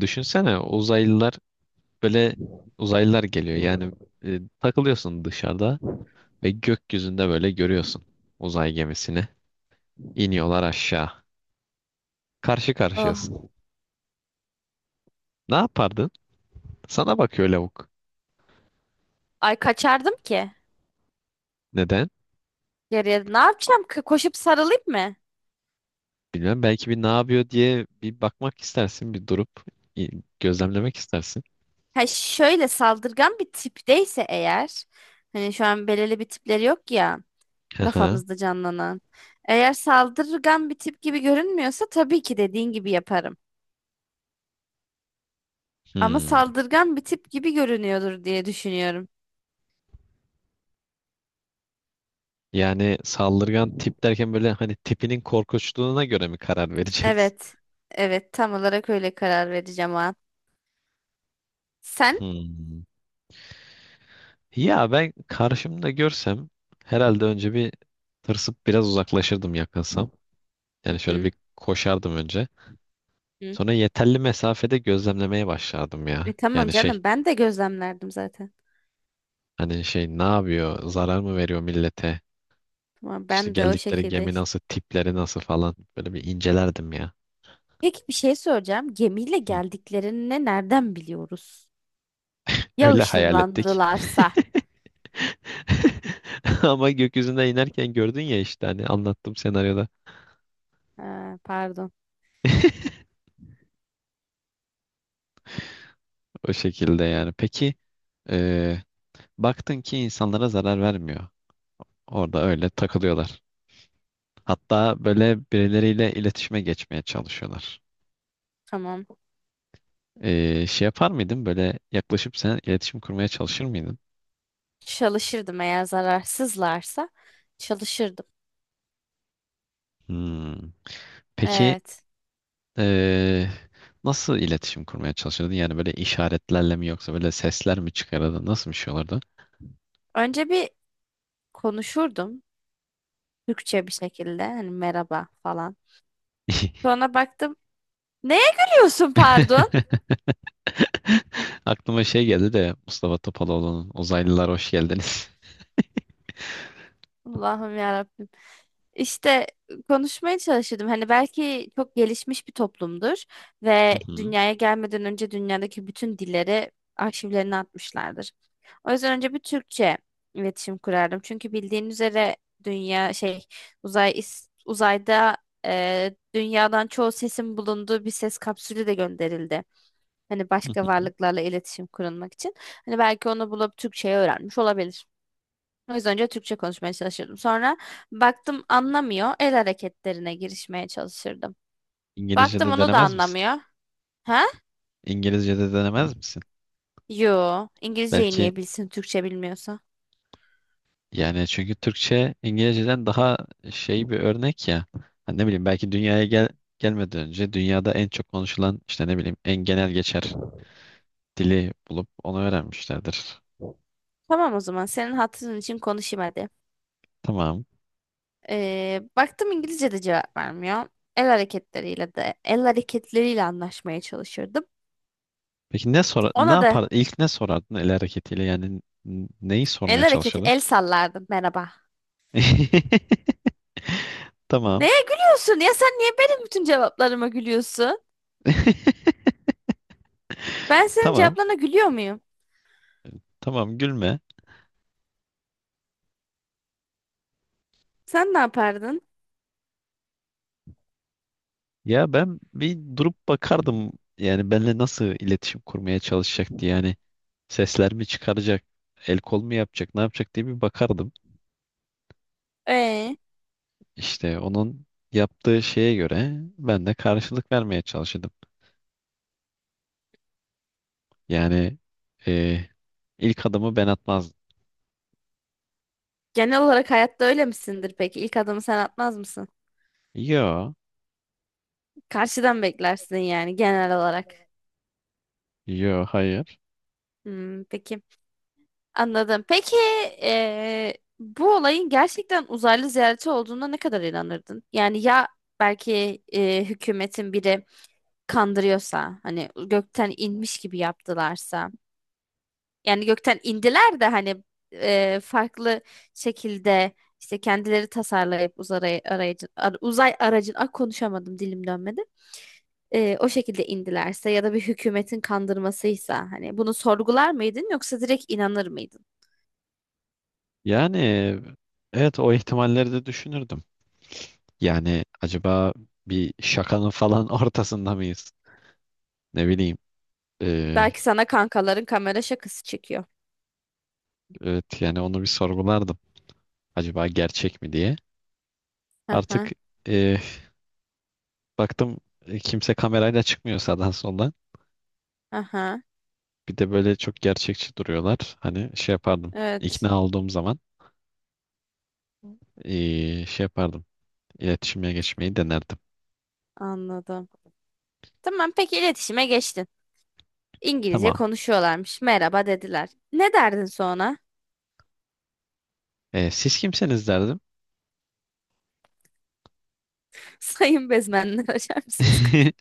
Düşünsene uzaylılar, böyle uzaylılar geliyor. Yani takılıyorsun dışarıda ve gökyüzünde böyle görüyorsun uzay gemisini. İniyorlar aşağı. Karşı karşıyasın. Oh. Ne yapardın? Sana bakıyor lavuk. Ay kaçardım ki. Neden? Geriye ne yapacağım? Koşup sarılayım mı? Bilmem, belki bir ne yapıyor diye bir bakmak istersin, bir durup i- gözlemlemek istersin. Ha şöyle saldırgan bir tipteyse eğer. Hani şu an belirli bir tipleri yok ya. Hı hı. Kafamızda canlanan. Eğer saldırgan bir tip gibi görünmüyorsa tabii ki dediğin gibi yaparım. Ama Hmm. saldırgan bir tip gibi görünüyordur diye düşünüyorum. Yani saldırgan tip derken böyle hani tipinin korkunçluğuna göre mi karar vereceğiz? Evet. Evet, tam olarak öyle karar vereceğim o an. Sen? Hmm. Ya ben karşımda görsem herhalde önce bir tırsıp biraz uzaklaşırdım, yakınsam. Hı Yani şöyle hı, bir koşardım önce. hı. Sonra yeterli mesafede gözlemlemeye başlardım ya. Tamam Yani şey, canım, ben de gözlemlerdim zaten. hani şey ne yapıyor? Zarar mı veriyor millete? Tamam, İşte ben de o geldikleri şekilde gemi işte. nasıl, tipleri nasıl falan. Böyle bir incelerdim ya. Peki, bir şey soracağım. Gemiyle Hı. geldiklerini nereden biliyoruz? Ya Öyle hayal ettik. ışınlandılarsa? Ama gökyüzüne inerken gördün ya, işte hani anlattım senaryoda. Ha, pardon. O şekilde yani. Peki eee, Baktın ki insanlara zarar vermiyor. Orada öyle takılıyorlar. Hatta böyle birileriyle iletişime geçmeye çalışıyorlar. Tamam. Şey yapar mıydın? Böyle yaklaşıp sen iletişim kurmaya çalışır mıydın? Çalışırdım, eğer zararsızlarsa çalışırdım. Hmm. Peki Evet. ee, nasıl iletişim kurmaya çalışırdın? Yani böyle işaretlerle mi, yoksa böyle sesler mi çıkarırdın? Nasıl bir şey olurdu? Önce bir konuşurdum Türkçe bir şekilde, hani merhaba falan. Sonra baktım, neye gülüyorsun pardon? Aklıma şey geldi de, Mustafa Topaloğlu'nun Uzaylılar Hoş Geldiniz. Allah'ım ya. İşte konuşmaya çalışırdım. Hani belki çok gelişmiş bir toplumdur Hı ve hı, dünyaya gelmeden önce dünyadaki bütün dilleri arşivlerine atmışlardır. O yüzden önce bir Türkçe iletişim kurardım. Çünkü bildiğin üzere dünya şey, uzayda dünyadan çoğu sesin bulunduğu bir ses kapsülü de gönderildi. Hani hı başka hı. varlıklarla iletişim kurulmak için. Hani belki onu bulup Türkçe'ye öğrenmiş olabilir. O yüzden önce Türkçe konuşmaya çalışırdım. Sonra baktım anlamıyor. El hareketlerine girişmeye çalışırdım. Baktım İngilizce'de onu da denemez misin? anlamıyor. Ha? İngilizce'de denemez misin? Yo. İngilizceyi Belki, niye bilsin Türkçe bilmiyorsa? yani çünkü Türkçe İngilizce'den daha şey bir örnek ya. Hani ne bileyim, belki dünyaya gelmeden önce dünyada en çok konuşulan, işte ne bileyim, en genel geçer dili bulup onu öğrenmişlerdir. Tamam, o zaman senin hatırın için konuşayım hadi. Tamam. Baktım İngilizce de cevap vermiyor. El hareketleriyle anlaşmaya çalışırdım. Peki ne sor ne Ona da yapar ilk ne sorardın el hareketiyle, yani neyi sormaya çalışırdın? el sallardım, merhaba. Tamam. Neye gülüyorsun ya, sen niye benim bütün cevaplarıma gülüyorsun? Ben senin Tamam. cevaplarına gülüyor muyum? Tamam, gülme. Sen ne yapardın? Ya ben bir durup bakardım, yani benimle nasıl iletişim kurmaya çalışacaktı, yani sesler mi çıkaracak, el kol mu yapacak, ne yapacak diye bir bakardım. Ee, İşte onun yaptığı şeye göre ben de karşılık vermeye çalışırdım. Yani e, ilk adımı ben atmazdım. Genel olarak hayatta öyle misindir peki? İlk adımı sen atmaz mısın? Yo, Karşıdan beklersin yani genel olarak. yo, hayır, Hmm, peki. Anladım. Peki bu olayın gerçekten uzaylı ziyareti olduğuna ne kadar inanırdın? Yani ya belki hükümetin biri kandırıyorsa, hani gökten inmiş gibi yaptılarsa, yani gökten indiler de hani farklı şekilde işte kendileri tasarlayıp uzay aracın, ah, konuşamadım, dilim dönmedi. O şekilde indilerse ya da bir hükümetin kandırmasıysa, hani bunu sorgular mıydın yoksa direkt inanır mıydın? yani evet, o ihtimalleri de düşünürdüm. Yani acaba bir şakanın falan ortasında mıyız, ne bileyim. E, Belki sana kankaların kamera şakası çekiyor. evet, yani onu bir sorgulardım, acaba gerçek mi diye. Artık Aha, e, baktım kimse kamerayla çıkmıyor sağdan soldan. aha. Bir de böyle çok gerçekçi duruyorlar. Hani şey yapardım. Evet, İkna olduğum zaman şey yapardım. İletişime geçmeyi denerdim. anladım. Tamam, peki iletişime geçtin. İngilizce Tamam. konuşuyorlarmış. Merhaba dediler. Ne derdin sonra? Siz kimsiniz derdim. Sayın bezmenler, açar mısınız kapıyı?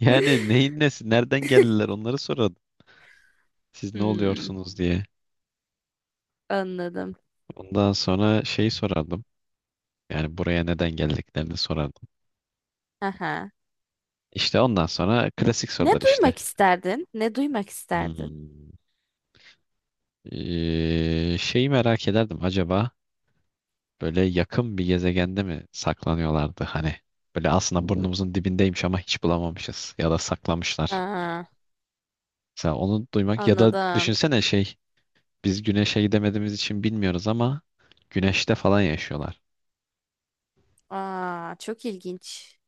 Yani neyin nesi, nereden geldiler, onları sorardım. Siz ne Hmm, oluyorsunuz diye. anladım. Ondan sonra şeyi sorardım. Yani buraya neden geldiklerini sorardım. Aha. İşte ondan sonra klasik Ne sorular işte. duymak isterdin? Ne duymak isterdin? Hmm. Şeyi merak ederdim, acaba böyle yakın bir gezegende mi saklanıyorlardı, hani böyle aslında burnumuzun dibindeymiş ama hiç bulamamışız ya da saklamışlar. Aa, Mesela onu duymak, ya da anladım. düşünsene şey, biz güneşe gidemediğimiz için bilmiyoruz ama güneşte falan yaşıyorlar. Aa, çok ilginç.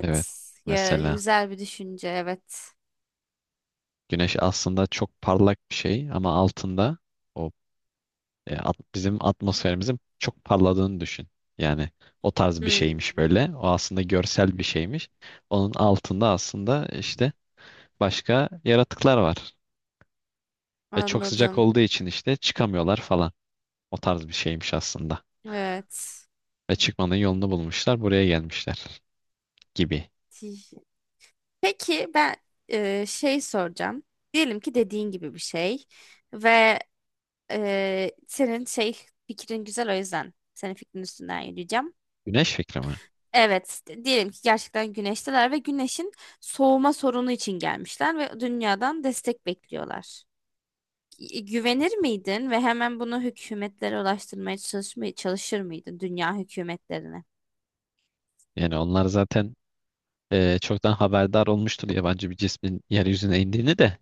Evet, Ya, mesela güzel bir düşünce. Evet. güneş aslında çok parlak bir şey ama altında o bizim atmosferimizin çok parladığını düşün. Yani o tarz bir Hmm, şeymiş böyle. O aslında görsel bir şeymiş. Onun altında aslında işte başka yaratıklar var. Ve çok sıcak anladım. olduğu için işte çıkamıyorlar falan. O tarz bir şeymiş aslında. Evet. Ve çıkmanın yolunu bulmuşlar, buraya gelmişler gibi. Peki ben şey soracağım. Diyelim ki dediğin gibi bir şey ve senin şey fikrin güzel, o yüzden senin fikrin üstünden yürüyeceğim. Güneş fikri mi? Evet, diyelim ki gerçekten güneşteler ve güneşin soğuma sorunu için gelmişler ve dünyadan destek bekliyorlar. Güvenir miydin ve hemen bunu hükümetlere ulaştırmaya çalışmaya çalışır mıydın, dünya hükümetlerine? Yani onlar zaten çoktan haberdar olmuştur yabancı bir cismin yeryüzüne indiğini de,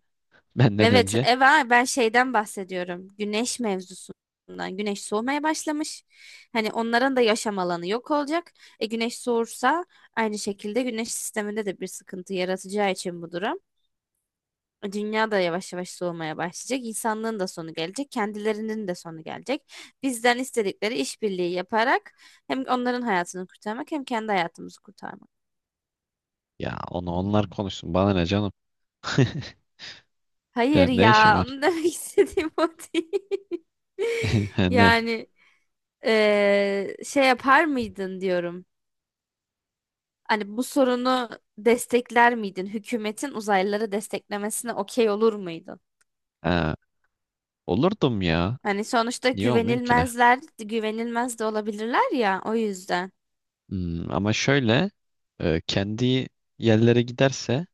benden Evet, önce. Eva, ben şeyden bahsediyorum. Güneş mevzusundan. Güneş soğumaya başlamış. Hani onların da yaşam alanı yok olacak. E güneş soğursa, aynı şekilde güneş sisteminde de bir sıkıntı yaratacağı için bu durum. Dünya da yavaş yavaş soğumaya başlayacak. İnsanlığın da sonu gelecek. Kendilerinin de sonu gelecek. Bizden istedikleri işbirliği yaparak hem onların hayatını kurtarmak hem kendi hayatımızı kurtarmak. Ya onu onlar konuşsun. Bana ne canım? Hayır Benim ne işim ya, var? onu demek istediğim o değil. Ne? Yani şey yapar mıydın diyorum. Hani bu sorunu destekler miydin? Hükümetin uzaylıları desteklemesine okey olur muydun? Ha, olurdum ya. Hani sonuçta Niye olmayayım ki, ne? güvenilmezler, güvenilmez de olabilirler ya, o yüzden. Hmm, ama şöyle kendi yerlere giderse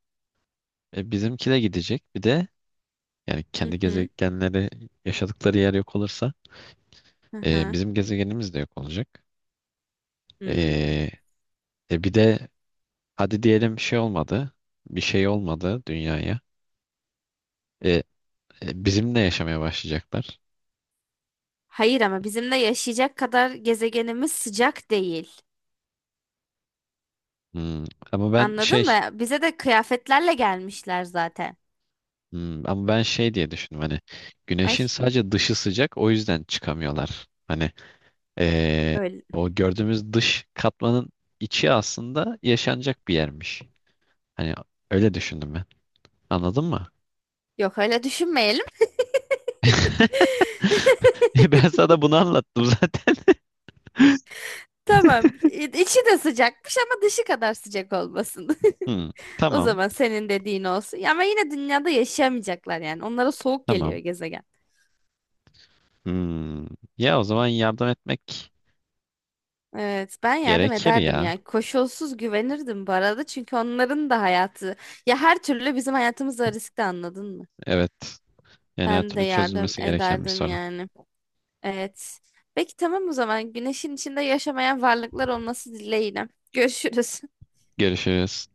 bizimki de gidecek. Bir de yani Hı kendi hı. gezegenleri, yaşadıkları yer yok olursa, Hı hı. bizim gezegenimiz de yok olacak. Hmm. E, Bir de hadi diyelim şey olmadı. Bir şey olmadı dünyaya. E, Bizimle yaşamaya başlayacaklar. Hayır, ama bizimle yaşayacak kadar gezegenimiz sıcak değil. Hmm, ama ben Anladın şey mı? Bize de kıyafetlerle gelmişler zaten. Ama ben şey diye düşündüm, hani Ay güneşin sadece dışı sıcak, o yüzden çıkamıyorlar. Hani eee, öyle. o gördüğümüz dış katmanın içi aslında yaşanacak bir yermiş. Hani öyle düşündüm ben. Anladın mı? Yok, öyle düşünmeyelim. Ben sana bunu anlattım zaten. Tamam. İçi de sıcakmış ama dışı kadar sıcak olmasın. Hmm, O tamam, zaman senin dediğin olsun. Ya ama yine dünyada yaşayamayacaklar yani. Onlara soğuk geliyor tamam. gezegen. Hmm, ya o zaman yardım etmek Evet, ben yardım gerekir ederdim ya. yani. Koşulsuz güvenirdim bu arada, çünkü onların da hayatı, ya her türlü bizim hayatımızda riskli, anladın mı? Evet. Yani her Ben de türlü yardım çözülmesi gereken bir ederdim sorun. yani. Evet. Peki tamam, o zaman güneşin içinde yaşamayan varlıklar olması dileğiyle. Görüşürüz. Görüşürüz.